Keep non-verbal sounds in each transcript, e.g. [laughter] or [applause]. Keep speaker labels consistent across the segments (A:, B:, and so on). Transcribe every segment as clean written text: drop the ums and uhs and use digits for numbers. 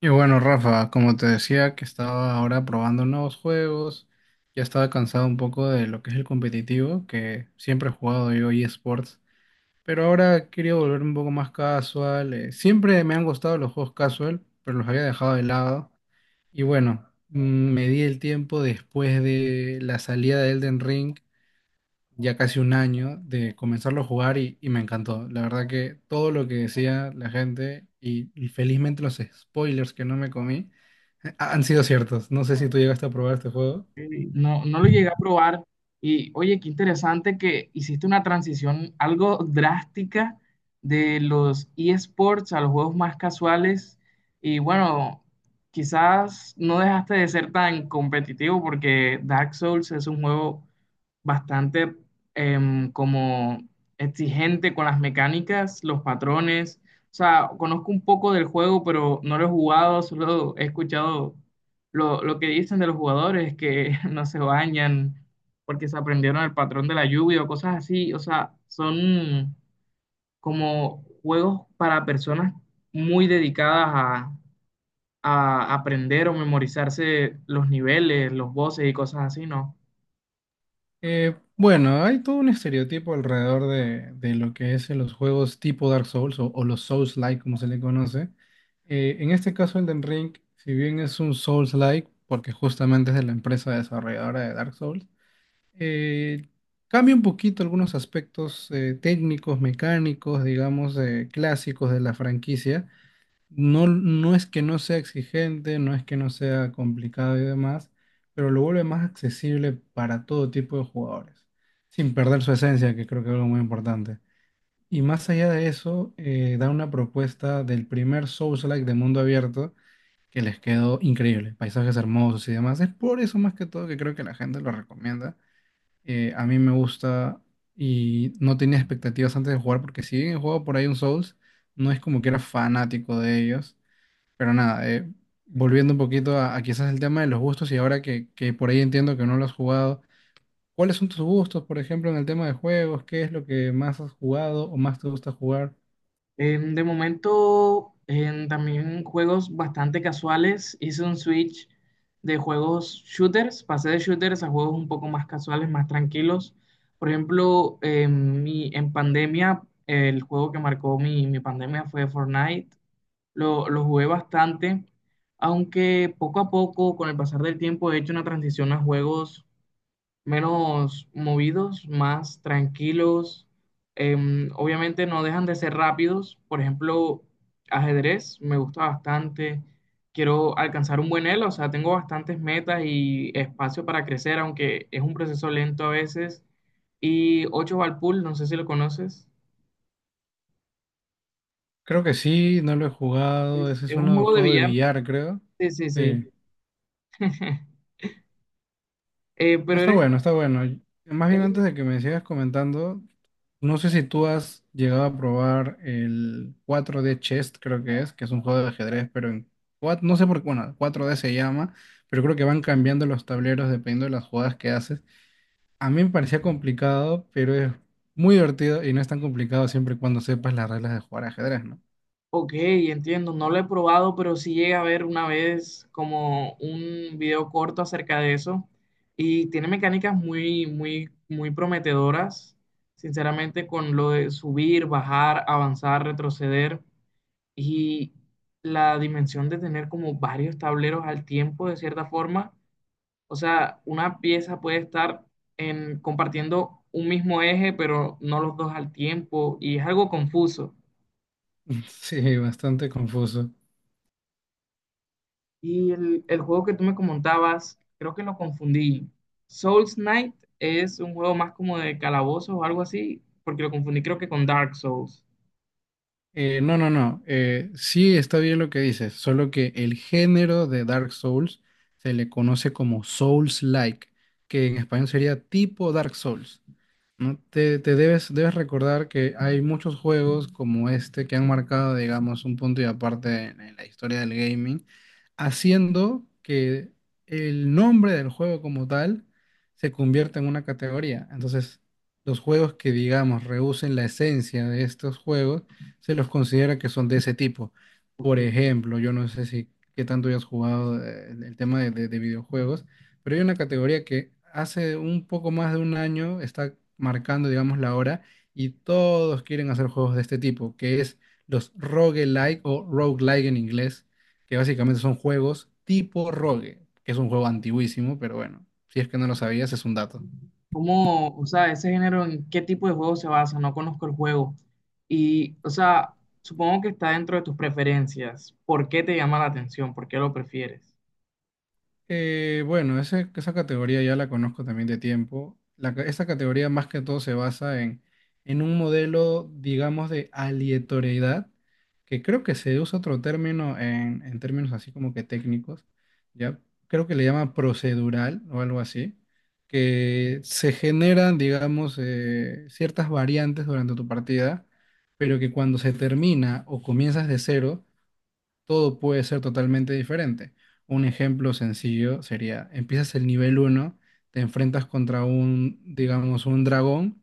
A: Y bueno, Rafa, como te decía, que estaba ahora probando nuevos juegos, ya estaba cansado un poco de lo que es el competitivo, que siempre he jugado yo eSports, pero ahora quería volver un poco más casual. Siempre me han gustado los juegos casual, pero los había dejado de lado. Y bueno, me di el tiempo después de la salida de Elden Ring ya casi un año de comenzarlo a jugar y me encantó. La verdad que todo lo que decía la gente y felizmente los spoilers que no me comí han sido ciertos. No sé si tú llegaste a probar este juego.
B: Ok, no, no lo llegué a probar. Y oye, qué interesante que hiciste una transición algo drástica de los eSports a los juegos más casuales. Y bueno, quizás no dejaste de ser tan competitivo porque Dark Souls es un juego bastante como exigente con las mecánicas, los patrones. O sea, conozco un poco del juego, pero no lo he jugado, solo he escuchado lo que dicen de los jugadores, que [laughs] no se bañan porque se aprendieron el patrón de la lluvia o cosas así. O sea, son como juegos para personas muy dedicadas a, a aprender o memorizarse los niveles, los voces y cosas así, ¿no?
A: Bueno, hay todo un estereotipo alrededor de lo que es en los juegos tipo Dark Souls o los Souls-like, como se le conoce. En este caso, Elden Ring, si bien es un Souls-like, porque justamente es de la empresa desarrolladora de Dark Souls, eh, cambia un poquito algunos aspectos técnicos, mecánicos, digamos, clásicos de la franquicia. No es que no sea exigente, no es que no sea complicado y demás, pero lo vuelve más accesible para todo tipo de jugadores, sin perder su esencia, que creo que es algo muy importante. Y más allá de eso, da una propuesta del primer Souls-like de mundo abierto que les quedó increíble, paisajes hermosos y demás. Es por eso más que todo que creo que la gente lo recomienda, a mí me gusta y no tenía expectativas antes de jugar porque si bien he jugado por ahí un Souls, no es como que era fanático de ellos. Pero nada, volviendo un poquito a quizás el tema de los gustos y ahora que por ahí entiendo que no lo has jugado, ¿cuáles son tus gustos, por ejemplo, en el tema de juegos? ¿Qué es lo que más has jugado o más te gusta jugar?
B: De momento, también juegos bastante casuales. Hice un switch de juegos shooters, pasé de shooters a juegos un poco más casuales, más tranquilos. Por ejemplo, en pandemia, el juego que marcó mi pandemia fue Fortnite. Lo jugué bastante, aunque poco a poco, con el pasar del tiempo, he hecho una transición a juegos menos movidos, más tranquilos. Obviamente no dejan de ser rápidos. Por ejemplo, ajedrez me gusta bastante. Quiero alcanzar un buen elo, o sea, tengo bastantes metas y espacio para crecer, aunque es un proceso lento a veces. Y 8 Ball Pool, no sé si lo conoces.
A: Creo que sí, no lo he jugado.
B: Es,
A: Ese es
B: es un
A: uno de
B: juego de
A: juego de
B: billar.
A: billar, creo.
B: Sí, sí, sí.
A: Sí.
B: [laughs]
A: Ah,
B: Pero
A: está
B: eres,
A: bueno, está bueno. Más bien
B: eres
A: antes de que me sigas comentando, no sé si tú has llegado a probar el cuatro d Chess, creo que es un juego de ajedrez, pero en cuatro no sé por qué, bueno, cuatro d se llama, pero creo que van cambiando los tableros dependiendo de las jugadas que haces. A mí me parecía complicado, pero es muy divertido y no es tan complicado siempre y cuando sepas las reglas de jugar ajedrez, ¿no?
B: Ok, entiendo, no lo he probado, pero sí llegué a ver una vez como un video corto acerca de eso y tiene mecánicas muy, muy, muy prometedoras, sinceramente, con lo de subir, bajar, avanzar, retroceder y la dimensión de tener como varios tableros al tiempo, de cierta forma. O sea, una pieza puede estar en, compartiendo un mismo eje, pero no los dos al tiempo y es algo confuso.
A: [laughs] Sí, bastante confuso.
B: Y el juego que tú me comentabas, creo que lo confundí. Souls Knight es un juego más como de calabozos o algo así, porque lo confundí creo que con Dark Souls.
A: No, no, no. Sí está bien lo que dices, solo que el género de Dark Souls se le conoce como Souls-like, que en español sería tipo Dark Souls. ¿No? Debes recordar que hay muchos juegos como este que han marcado, digamos, un punto y aparte en la historia del gaming, haciendo que el nombre del juego como tal se convierta en una categoría. Entonces, los juegos que, digamos, rehúsen la esencia de estos juegos, se los considera que son de ese tipo.
B: Ok.
A: Por ejemplo, yo no sé si qué tanto hayas jugado, el tema de de videojuegos, pero hay una categoría que hace un poco más de un año está marcando, digamos, la hora y todos quieren hacer juegos de este tipo, que es los roguelike o roguelike en inglés, que básicamente son juegos tipo rogue, que es un juego antiguísimo, pero bueno, si es que no lo sabías, es un dato.
B: ¿Cómo, o sea, ese género en qué tipo de juego se basa? No conozco el juego. Y, o sea, supongo que está dentro de tus preferencias. ¿Por qué te llama la atención? ¿Por qué lo prefieres?
A: Esa categoría ya la conozco también de tiempo. Esa categoría más que todo se basa en un modelo, digamos, de aleatoriedad, que creo que se usa otro término en términos así como que técnicos, ¿ya? Creo que le llama procedural o algo así, que se generan, digamos, ciertas variantes durante tu partida, pero que cuando se termina o comienzas de cero, todo puede ser totalmente diferente. Un ejemplo sencillo sería, empiezas el nivel uno, te enfrentas contra un, digamos, un dragón,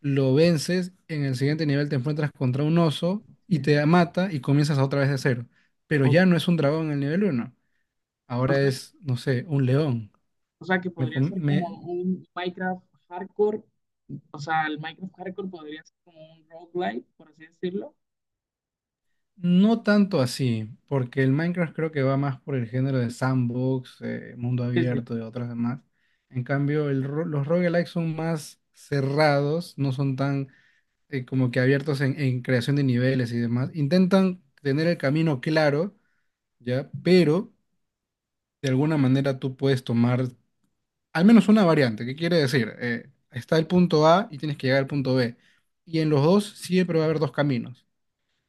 A: lo vences, en el siguiente nivel te enfrentas contra un oso y
B: Entiendo.
A: te mata y comienzas otra vez de cero. Pero
B: Ok.
A: ya no es un dragón en el nivel uno. Ahora es, no sé, un león.
B: O sea, que
A: Me,
B: podría
A: com-
B: ser como
A: me-
B: un Minecraft hardcore. O sea, el Minecraft hardcore podría ser como un roguelike, por así decirlo.
A: No tanto así, porque el Minecraft creo que va más por el género de sandbox, mundo
B: Sí, sí,
A: abierto y otras demás. En cambio, los roguelikes son más cerrados, no son tan como que abiertos en creación de niveles y demás. Intentan tener el camino claro, ¿ya? Pero de alguna manera tú puedes tomar al menos una variante. ¿Qué quiere decir? Está el punto A y tienes que llegar al punto B. Y en los dos siempre va a haber dos caminos.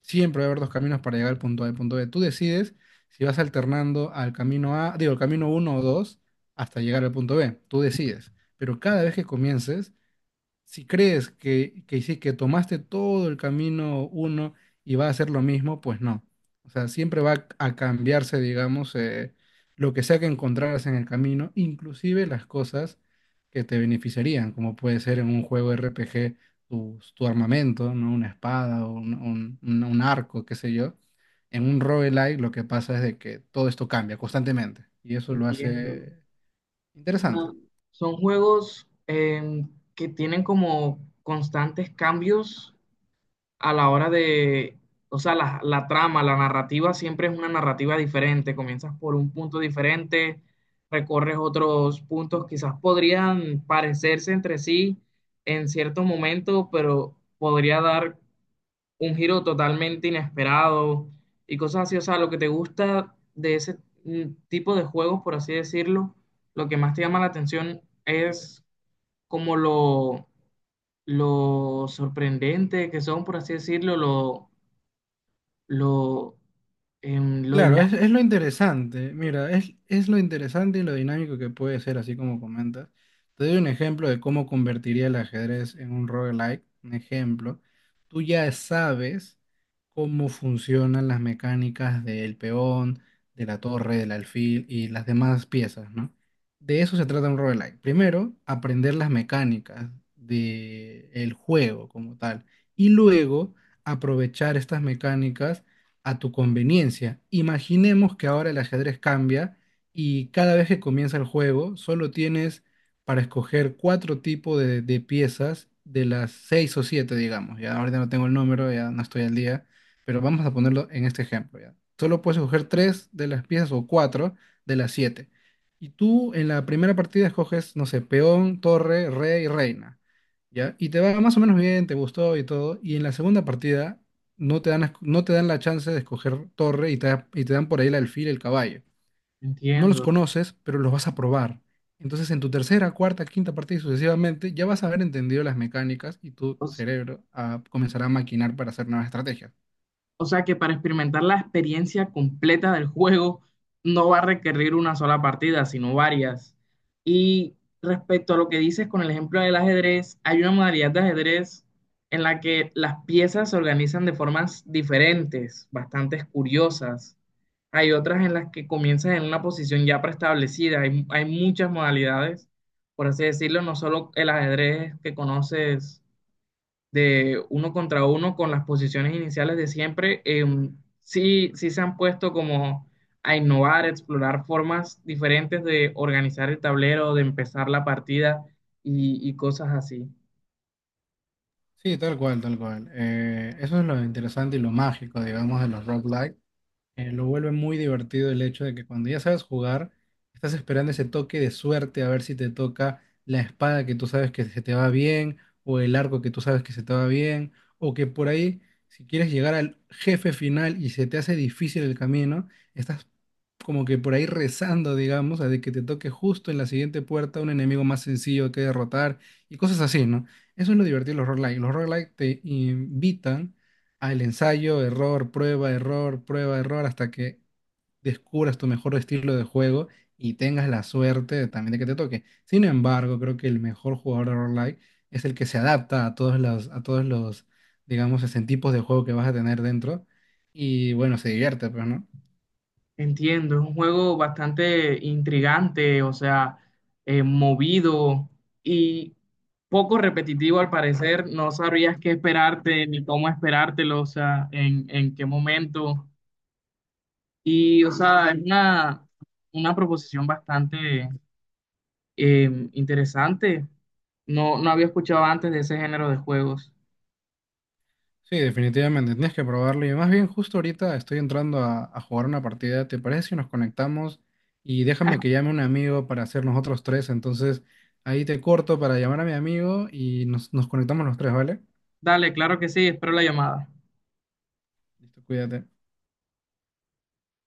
A: Siempre va a haber dos caminos para llegar al punto A y al punto B. Tú decides si vas alternando al camino A, digo, al camino uno o 2 hasta llegar al punto B. Tú decides. Pero cada vez que comiences, si crees que tomaste todo el camino uno y va a ser lo mismo, pues no. O sea, siempre va a cambiarse, digamos, lo que sea que encontraras en el camino, inclusive las cosas que te beneficiarían, como puede ser en un juego RPG tu armamento, ¿no? Una espada o un, un arco, qué sé yo. En un roguelike lo que pasa es de que todo esto cambia constantemente y eso lo
B: entiendo.
A: hace
B: O sea,
A: interesante.
B: son juegos que tienen como constantes cambios a la hora de, o sea, la trama, la narrativa siempre es una narrativa diferente. Comienzas por un punto diferente, recorres otros puntos, quizás podrían parecerse entre sí en cierto momento, pero podría dar un giro totalmente inesperado y cosas así. O sea, lo que te gusta de ese tipo de juegos, por así decirlo, lo que más te llama la atención es como lo sorprendente que son, por así decirlo, lo, lo
A: Claro, es
B: dinámico,
A: lo interesante, mira, es lo interesante y lo dinámico que puede ser, así como comentas. Te doy un ejemplo de cómo convertiría el ajedrez en un roguelike. Un ejemplo, tú ya sabes cómo funcionan las mecánicas del peón, de la torre, del alfil y las demás piezas, ¿no? De eso se trata un roguelike. Primero, aprender las mecánicas del juego como tal y luego aprovechar estas mecánicas a tu conveniencia. Imaginemos que ahora el ajedrez cambia y cada vez que comienza el juego solo tienes para escoger cuatro tipos de piezas de las seis o siete, digamos. Ya ahorita no tengo el número, ya no estoy al día, pero vamos a ponerlo en este ejemplo, ya. Solo puedes escoger tres de las piezas o cuatro de las siete. Y tú en la primera partida escoges, no sé, peón, torre, rey, reina. ¿Ya? Y te va más o menos bien, te gustó y todo. Y en la segunda partida no te dan, no te dan la chance de escoger torre y te dan por ahí el alfil y el caballo. No los
B: entiendo.
A: conoces, pero los vas a probar. Entonces, en tu tercera, cuarta, quinta partida y sucesivamente, ya vas a haber entendido las mecánicas y tu cerebro comenzará a maquinar para hacer nuevas estrategias.
B: O sea que para experimentar la experiencia completa del juego no va a requerir una sola partida, sino varias. Y respecto a lo que dices con el ejemplo del ajedrez, hay una modalidad de ajedrez en la que las piezas se organizan de formas diferentes, bastante curiosas. Hay otras en las que comienzas en una posición ya preestablecida. Hay muchas modalidades, por así decirlo, no solo el ajedrez que conoces de uno contra uno con las posiciones iniciales de siempre, sí, sí se han puesto como a innovar, a explorar formas diferentes de organizar el tablero, de empezar la partida y cosas así.
A: Sí, tal cual, tal cual. Eso es lo interesante y lo mágico, digamos, de los roguelikes, lo vuelve muy divertido el hecho de que cuando ya sabes jugar, estás esperando ese toque de suerte a ver si te toca la espada que tú sabes que se te va bien, o el arco que tú sabes que se te va bien, o que por ahí, si quieres llegar al jefe final y se te hace difícil el camino, estás como que por ahí rezando, digamos, a de que te toque justo en la siguiente puerta un enemigo más sencillo que derrotar y cosas así, ¿no? Eso es lo divertido de los roguelike. Los roguelike te invitan, el ensayo, error, prueba, error, prueba, error, hasta que descubras tu mejor estilo de juego y tengas la suerte también de que te toque. Sin embargo, creo que el mejor jugador de roguelike es el que se adapta a todos los, digamos, ese tipos de juego que vas a tener dentro y bueno, se divierte, pues, ¿no?
B: Entiendo, es un juego bastante intrigante, o sea, movido y poco repetitivo al parecer. No sabrías qué esperarte ni cómo esperártelo, o sea, en qué momento. Y, o sea, es una proposición bastante interesante. No, no había escuchado antes de ese género de juegos.
A: Sí, definitivamente, tienes que probarlo. Y más bien, justo ahorita estoy entrando a jugar una partida. ¿Te parece si nos conectamos? Y déjame que llame un amigo para hacer nosotros tres. Entonces, ahí te corto para llamar a mi amigo y nos conectamos los tres, ¿vale?
B: Dale, claro que sí, espero la llamada.
A: Listo, cuídate.